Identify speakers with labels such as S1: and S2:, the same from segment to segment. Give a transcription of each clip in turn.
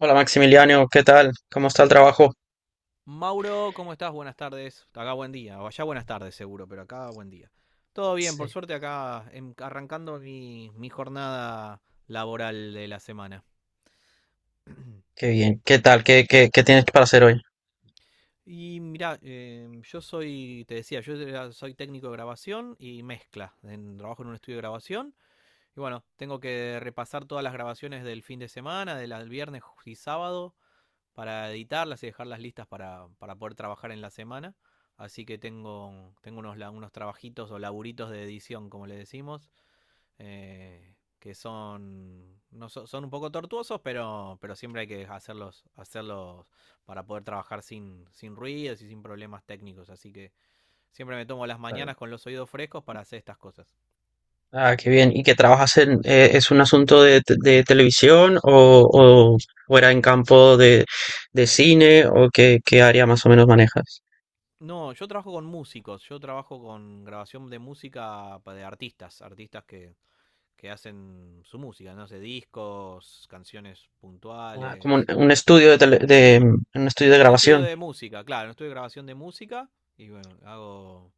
S1: Hola Maximiliano, ¿qué tal? ¿Cómo está el trabajo?
S2: Mauro, ¿cómo estás? Buenas tardes. Acá buen día. O allá buenas tardes seguro, pero acá buen día. Todo bien, por
S1: Sí.
S2: suerte acá arrancando mi jornada laboral de la semana.
S1: Qué bien, ¿qué tal? ¿Qué tienes para hacer hoy?
S2: Y mirá, yo soy, te decía, soy técnico de grabación y mezcla. En, trabajo en un estudio de grabación. Y bueno, tengo que repasar todas las grabaciones del fin de semana, del viernes y sábado para editarlas y dejarlas listas para poder trabajar en la semana. Así que tengo, tengo unos, unos trabajitos o laburitos de edición, como le decimos, que son, no, son un poco tortuosos, pero siempre hay que hacerlos, hacerlos para poder trabajar sin, sin ruidos y sin problemas técnicos. Así que siempre me tomo las mañanas con los oídos frescos para hacer estas cosas.
S1: Ah, qué bien. ¿Y qué trabajas en, es un asunto de, de televisión o era en campo de cine o qué, qué área más o menos manejas?
S2: No, yo trabajo con músicos, yo trabajo con grabación de música de artistas, artistas que hacen su música, no sé, discos, canciones
S1: Ah, como
S2: puntuales.
S1: un estudio de, de, un estudio de
S2: Un estudio
S1: grabación.
S2: de música, claro, un estudio de grabación de música. Y bueno, hago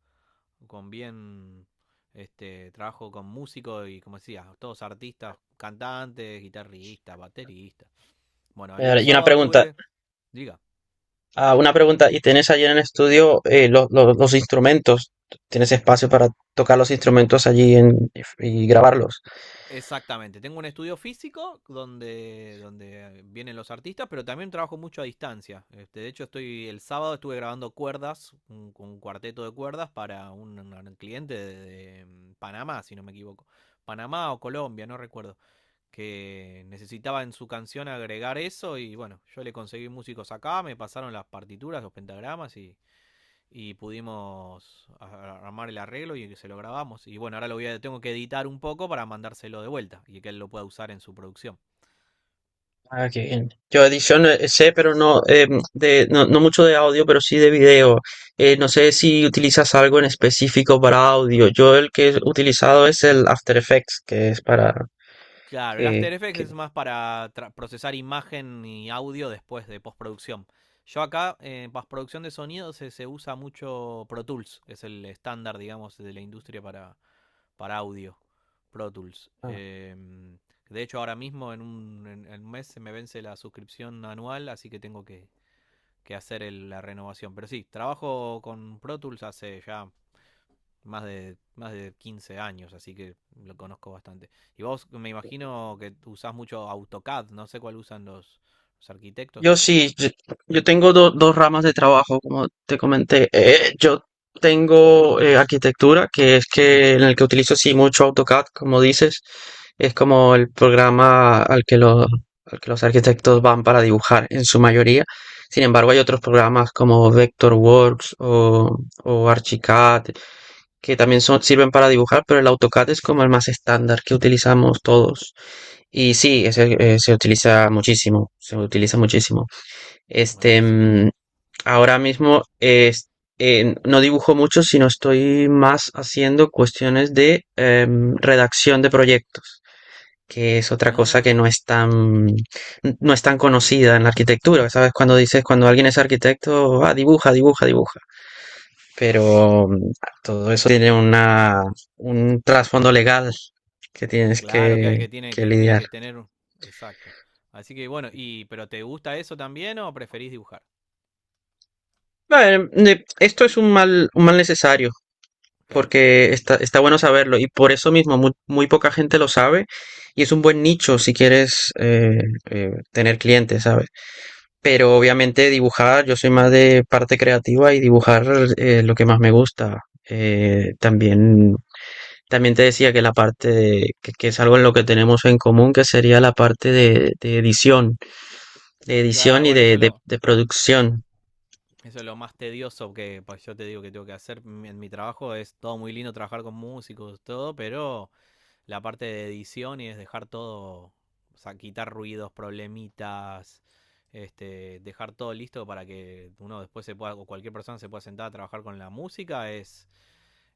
S2: con bien, este, trabajo con músicos y como decía, todos artistas, cantantes, guitarristas, bateristas. Bueno, el
S1: Y una
S2: sábado
S1: pregunta,
S2: tuve, diga.
S1: ah, una pregunta, ¿y tienes allí en el estudio los instrumentos? ¿Tienes espacio para tocar los instrumentos y grabarlos?
S2: Exactamente, tengo un estudio físico donde, donde vienen los artistas, pero también trabajo mucho a distancia. Este, de hecho, estoy el sábado estuve grabando cuerdas, un cuarteto de cuerdas para un cliente de Panamá, si no me equivoco. Panamá o Colombia, no recuerdo, que necesitaba en su canción agregar eso y bueno, yo le conseguí músicos acá, me pasaron las partituras, los pentagramas y pudimos armar el arreglo y se lo grabamos. Y bueno, ahora lo voy a, tengo que editar un poco para mandárselo de vuelta y que él lo pueda usar en su producción.
S1: Ah, qué bien. Yo edición sé, pero no, de, no, no mucho de audio, pero sí de video. No sé si utilizas algo en específico para audio. Yo el que he utilizado es el After Effects, que es para
S2: Claro, el
S1: que,
S2: After Effects es
S1: que-
S2: más para procesar imagen y audio después de postproducción. Yo acá en postproducción de sonido se, se usa mucho Pro Tools, que es el estándar, digamos, de la industria para audio. Pro Tools. De hecho, ahora mismo en un, en un mes se me vence la suscripción anual, así que tengo que hacer la renovación. Pero sí, trabajo con Pro Tools hace ya más de 15 años, así que lo conozco bastante. Y vos me imagino que usás mucho AutoCAD, no sé cuál usan los
S1: yo
S2: arquitectos.
S1: sí, yo tengo dos ramas de trabajo, como te comenté. Yo tengo arquitectura, que es que en el que utilizo sí mucho AutoCAD, como dices, es como el programa al que al que los arquitectos van para dibujar en su mayoría. Sin embargo, hay otros programas como Vectorworks o Archicad, que también son, sirven para dibujar, pero el AutoCAD es como el más estándar que utilizamos todos. Y sí, ese, se utiliza muchísimo, se utiliza muchísimo. Este,
S2: Buenísimo.
S1: ahora mismo es- no dibujo mucho, sino estoy más haciendo cuestiones de redacción de proyectos, que es otra cosa que
S2: Ah,
S1: no es tan, no es tan conocida en la arquitectura. ¿Sabes? Cuando dices, cuando alguien es arquitecto, ah, dibuja, dibuja, dibuja. Pero todo eso tiene una, un trasfondo legal que tienes
S2: claro que, que tiene
S1: que lidiar.
S2: que tener, un- exacto. Así que bueno, y pero ¿te gusta eso también o preferís dibujar?
S1: Bueno, esto es un mal necesario.
S2: Claro.
S1: Porque está, está bueno saberlo y por eso mismo muy, poca gente lo sabe y es un buen nicho si quieres tener clientes, ¿sabes? Pero obviamente dibujar, yo soy más de parte creativa y dibujar lo que más me gusta. También, también te decía que que es algo en lo que tenemos en común, que sería la parte de edición
S2: Claro,
S1: y
S2: bueno,
S1: de, de de producción.
S2: eso es lo más tedioso que pues, yo te digo que tengo que hacer en mi trabajo es todo muy lindo trabajar con músicos, todo, pero la parte de edición y es dejar todo, o sea, quitar ruidos, problemitas, este, dejar todo listo para que uno después se pueda, o cualquier persona se pueda sentar a trabajar con la música,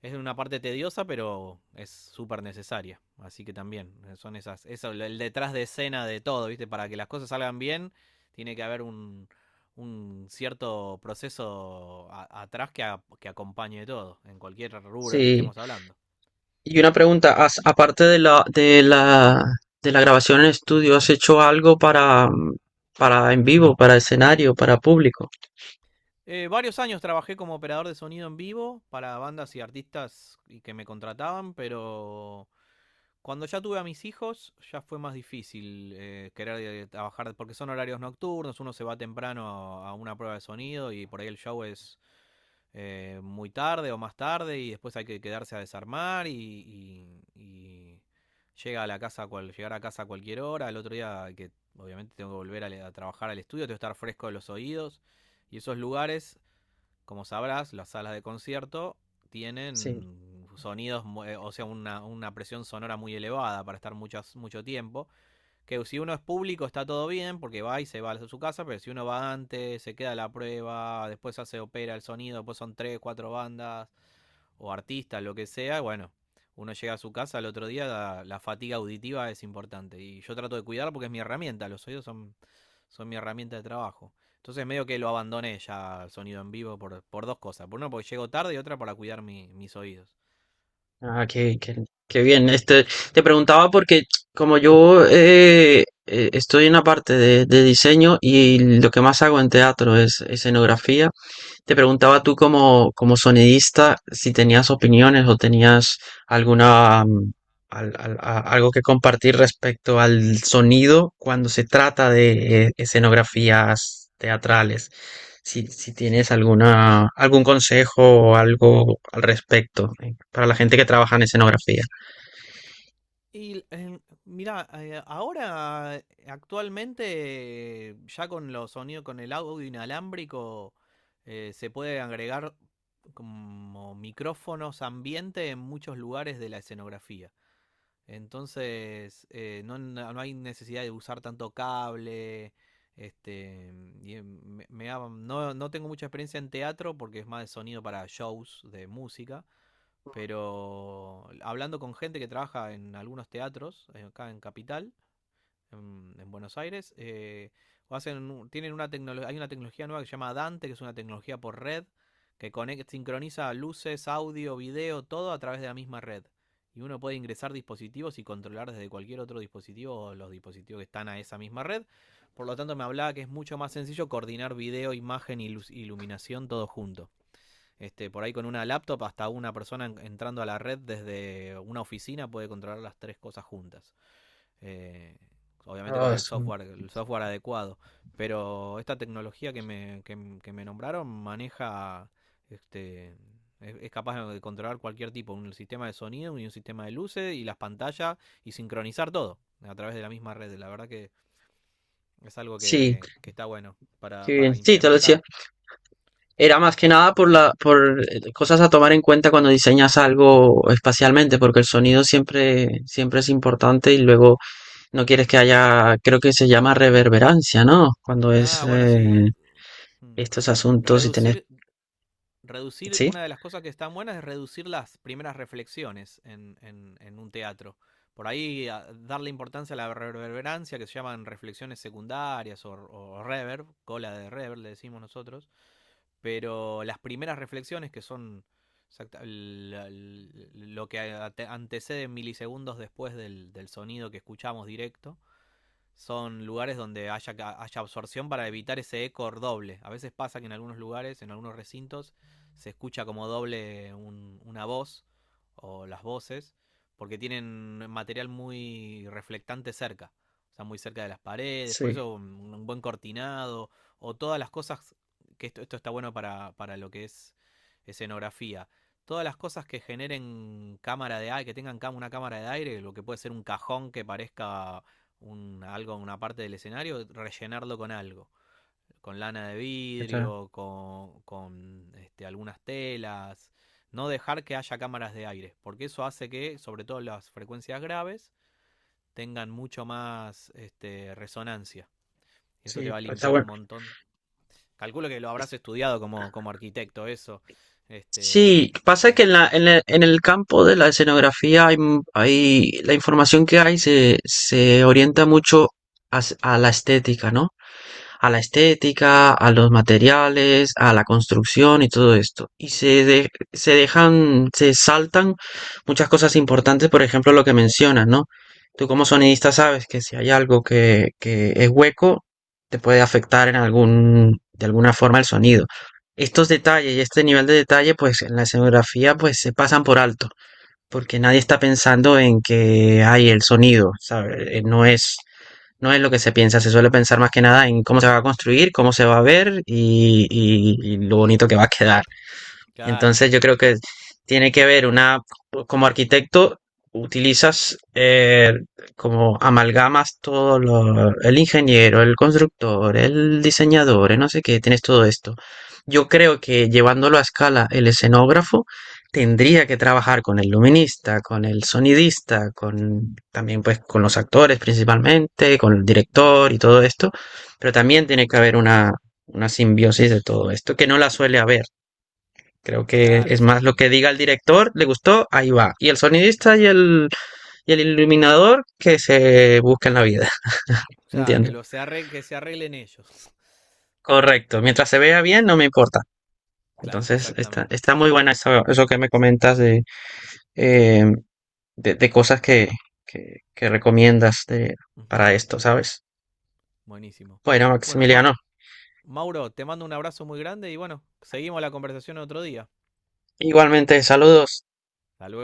S2: es una parte tediosa, pero es súper necesaria. Así que también, son esas, eso, el detrás de escena de todo, ¿viste? Para que las cosas salgan bien, tiene que haber un cierto proceso atrás que, que acompañe todo, en cualquier rubro que
S1: Sí.
S2: estemos hablando.
S1: Y una pregunta, aparte de la, de la, de la grabación en estudio, ¿has hecho algo para, para en vivo, para escenario, para público?
S2: Varios años trabajé como operador de sonido en vivo para bandas y artistas y que me contrataban, pero cuando ya tuve a mis hijos ya fue más difícil querer trabajar porque son horarios nocturnos, uno se va temprano a una prueba de sonido y por ahí el show es muy tarde o más tarde y después hay que quedarse a desarmar y, y llega a la casa cual, llegar a casa a cualquier hora, el otro día que obviamente tengo que volver a trabajar al estudio, tengo que estar fresco de los oídos y esos lugares como sabrás, las salas de concierto
S1: Sí.
S2: tienen sonidos, o sea, una presión sonora muy elevada para estar muchas, mucho tiempo. Que si uno es público está todo bien, porque va y se va a su casa, pero si uno va antes, se queda la prueba, después se opera el sonido, después son tres, cuatro bandas o artistas, lo que sea, bueno, uno llega a su casa al otro día, la fatiga auditiva es importante. Y yo trato de cuidarla porque es mi herramienta, los oídos son, son mi herramienta de trabajo. Entonces medio que lo abandoné ya al sonido en vivo por dos cosas. Por una porque llego tarde y otra para cuidar mis oídos.
S1: Ah, qué bien. Este, te preguntaba porque como yo estoy en la parte de diseño y lo que más hago en teatro es escenografía. Te preguntaba tú como, como sonidista si tenías opiniones o tenías alguna algo que compartir respecto al sonido cuando se trata de escenografías teatrales. Si, si tienes alguna, algún consejo o algo al respecto para la gente que trabaja en escenografía.
S2: Y mira, ahora actualmente ya con los sonidos, con el audio inalámbrico, se puede agregar como micrófonos ambiente en muchos lugares de la escenografía. Entonces, no, no hay necesidad de usar tanto cable. Este, y no, no tengo mucha experiencia en teatro porque es más de sonido para shows de música, pero hablando con gente que trabaja en algunos teatros, acá en Capital, en Buenos Aires. O hacen, tienen una tecnología, hay una tecnología nueva que se llama Dante, que es una tecnología por red, que conecta sincroniza luces, audio, video, todo a través de la misma red. Y uno puede ingresar dispositivos y controlar desde cualquier otro dispositivo los dispositivos que están a esa misma red. Por lo tanto, me hablaba que es mucho más sencillo coordinar video, imagen y iluminación todo junto. Este, por ahí con una laptop hasta una persona entrando a la red desde una oficina puede controlar las tres cosas juntas eh, obviamente
S1: Ah,
S2: con el software adecuado. Pero esta tecnología que me nombraron maneja, este, es capaz de controlar cualquier tipo, un sistema de sonido y un sistema de luces y las pantallas y sincronizar todo a través de la misma red. La verdad que es algo
S1: sí,
S2: que está bueno
S1: qué bien.
S2: para
S1: Sí, te lo decía.
S2: implementar.
S1: Era más que nada por la, por cosas a tomar en cuenta cuando diseñas algo espacialmente, porque el sonido siempre, siempre es importante y luego no quieres que haya, creo que se llama reverberancia, ¿no? Cuando es
S2: Ah, bueno, sí, mm,
S1: estos
S2: sí.
S1: asuntos y tenés,
S2: Reducir reducir,
S1: ¿sí?
S2: una de las cosas que están buenas es reducir las primeras reflexiones en un teatro. Por ahí darle importancia a la reverberancia, que se llaman reflexiones secundarias o reverb, cola de reverb le decimos nosotros, pero las primeras reflexiones que son lo que antecede milisegundos después del, del sonido que escuchamos directo, son lugares donde haya, haya absorción para evitar ese eco doble. A veces pasa que en algunos lugares, en algunos recintos, se escucha como doble una voz o las voces, porque tienen material muy reflectante cerca, o sea, muy cerca de las paredes, por
S1: Sí,
S2: eso un buen cortinado o todas las cosas, que esto está bueno para lo que es escenografía. Todas las cosas que generen cámara de aire, que tengan una cámara de aire, lo que puede ser un cajón que parezca un, algo, una parte del escenario, rellenarlo con algo, con lana de
S1: ¿qué tal?
S2: vidrio, con este, algunas telas, no dejar que haya cámaras de aire, porque eso hace que, sobre todo las frecuencias graves, tengan mucho más este, resonancia. Y eso te
S1: Sí,
S2: va a
S1: pues, está
S2: limpiar un
S1: pues, bueno.
S2: montón. Calculo que lo
S1: Es-
S2: habrás estudiado como, como arquitecto, eso. Este,
S1: Sí, pasa que
S2: ahí.
S1: en la, en el campo de la escenografía hay, la información que hay se, se orienta mucho a, a la estética, ¿no? A la estética, a los materiales, a la construcción y todo esto. Y se, se dejan, se saltan muchas cosas importantes, por ejemplo, lo que mencionas, ¿no? Tú como sonidista sabes que si hay algo que es hueco, te puede afectar en algún, de alguna forma el sonido. Estos detalles y este nivel de detalle, pues en la escenografía, pues se pasan por alto, porque nadie está pensando en que hay el sonido, ¿sabes? No es no es lo que se piensa, se suele pensar más que nada en cómo se va a construir, cómo se va a ver y, y lo bonito que va a quedar.
S2: Claro.
S1: Entonces yo creo que tiene que haber una, como arquitecto, utilizas como amalgamas todo lo, el ingeniero, el constructor, el diseñador, el no sé qué, tienes todo esto. Yo creo que llevándolo a escala, el escenógrafo tendría que trabajar con el luminista, con el sonidista, con también pues con los actores principalmente, con el
S2: Ujú.
S1: director y todo esto, pero también tiene que haber una simbiosis de todo esto, que no la suele haber. Creo que
S2: Claro,
S1: es más lo que
S2: exactamente.
S1: diga el director, le gustó, ahí va. Y el sonidista
S2: Ahí vamos.
S1: y el iluminador que se busquen la vida.
S2: Claro, que,
S1: Entiendo.
S2: que se arreglen ellos.
S1: Correcto. Mientras se vea bien, no
S2: Así
S1: me importa.
S2: claro,
S1: Entonces, está,
S2: exactamente.
S1: está muy buena eso, eso que me comentas eh, de cosas que recomiendas
S2: Ujú,
S1: para esto, ¿sabes?
S2: buenísimo.
S1: Bueno,
S2: Bueno,
S1: Maximiliano,
S2: Mauro, te mando un abrazo muy grande y bueno, seguimos la conversación otro día.
S1: igualmente, saludos.
S2: Hasta luego.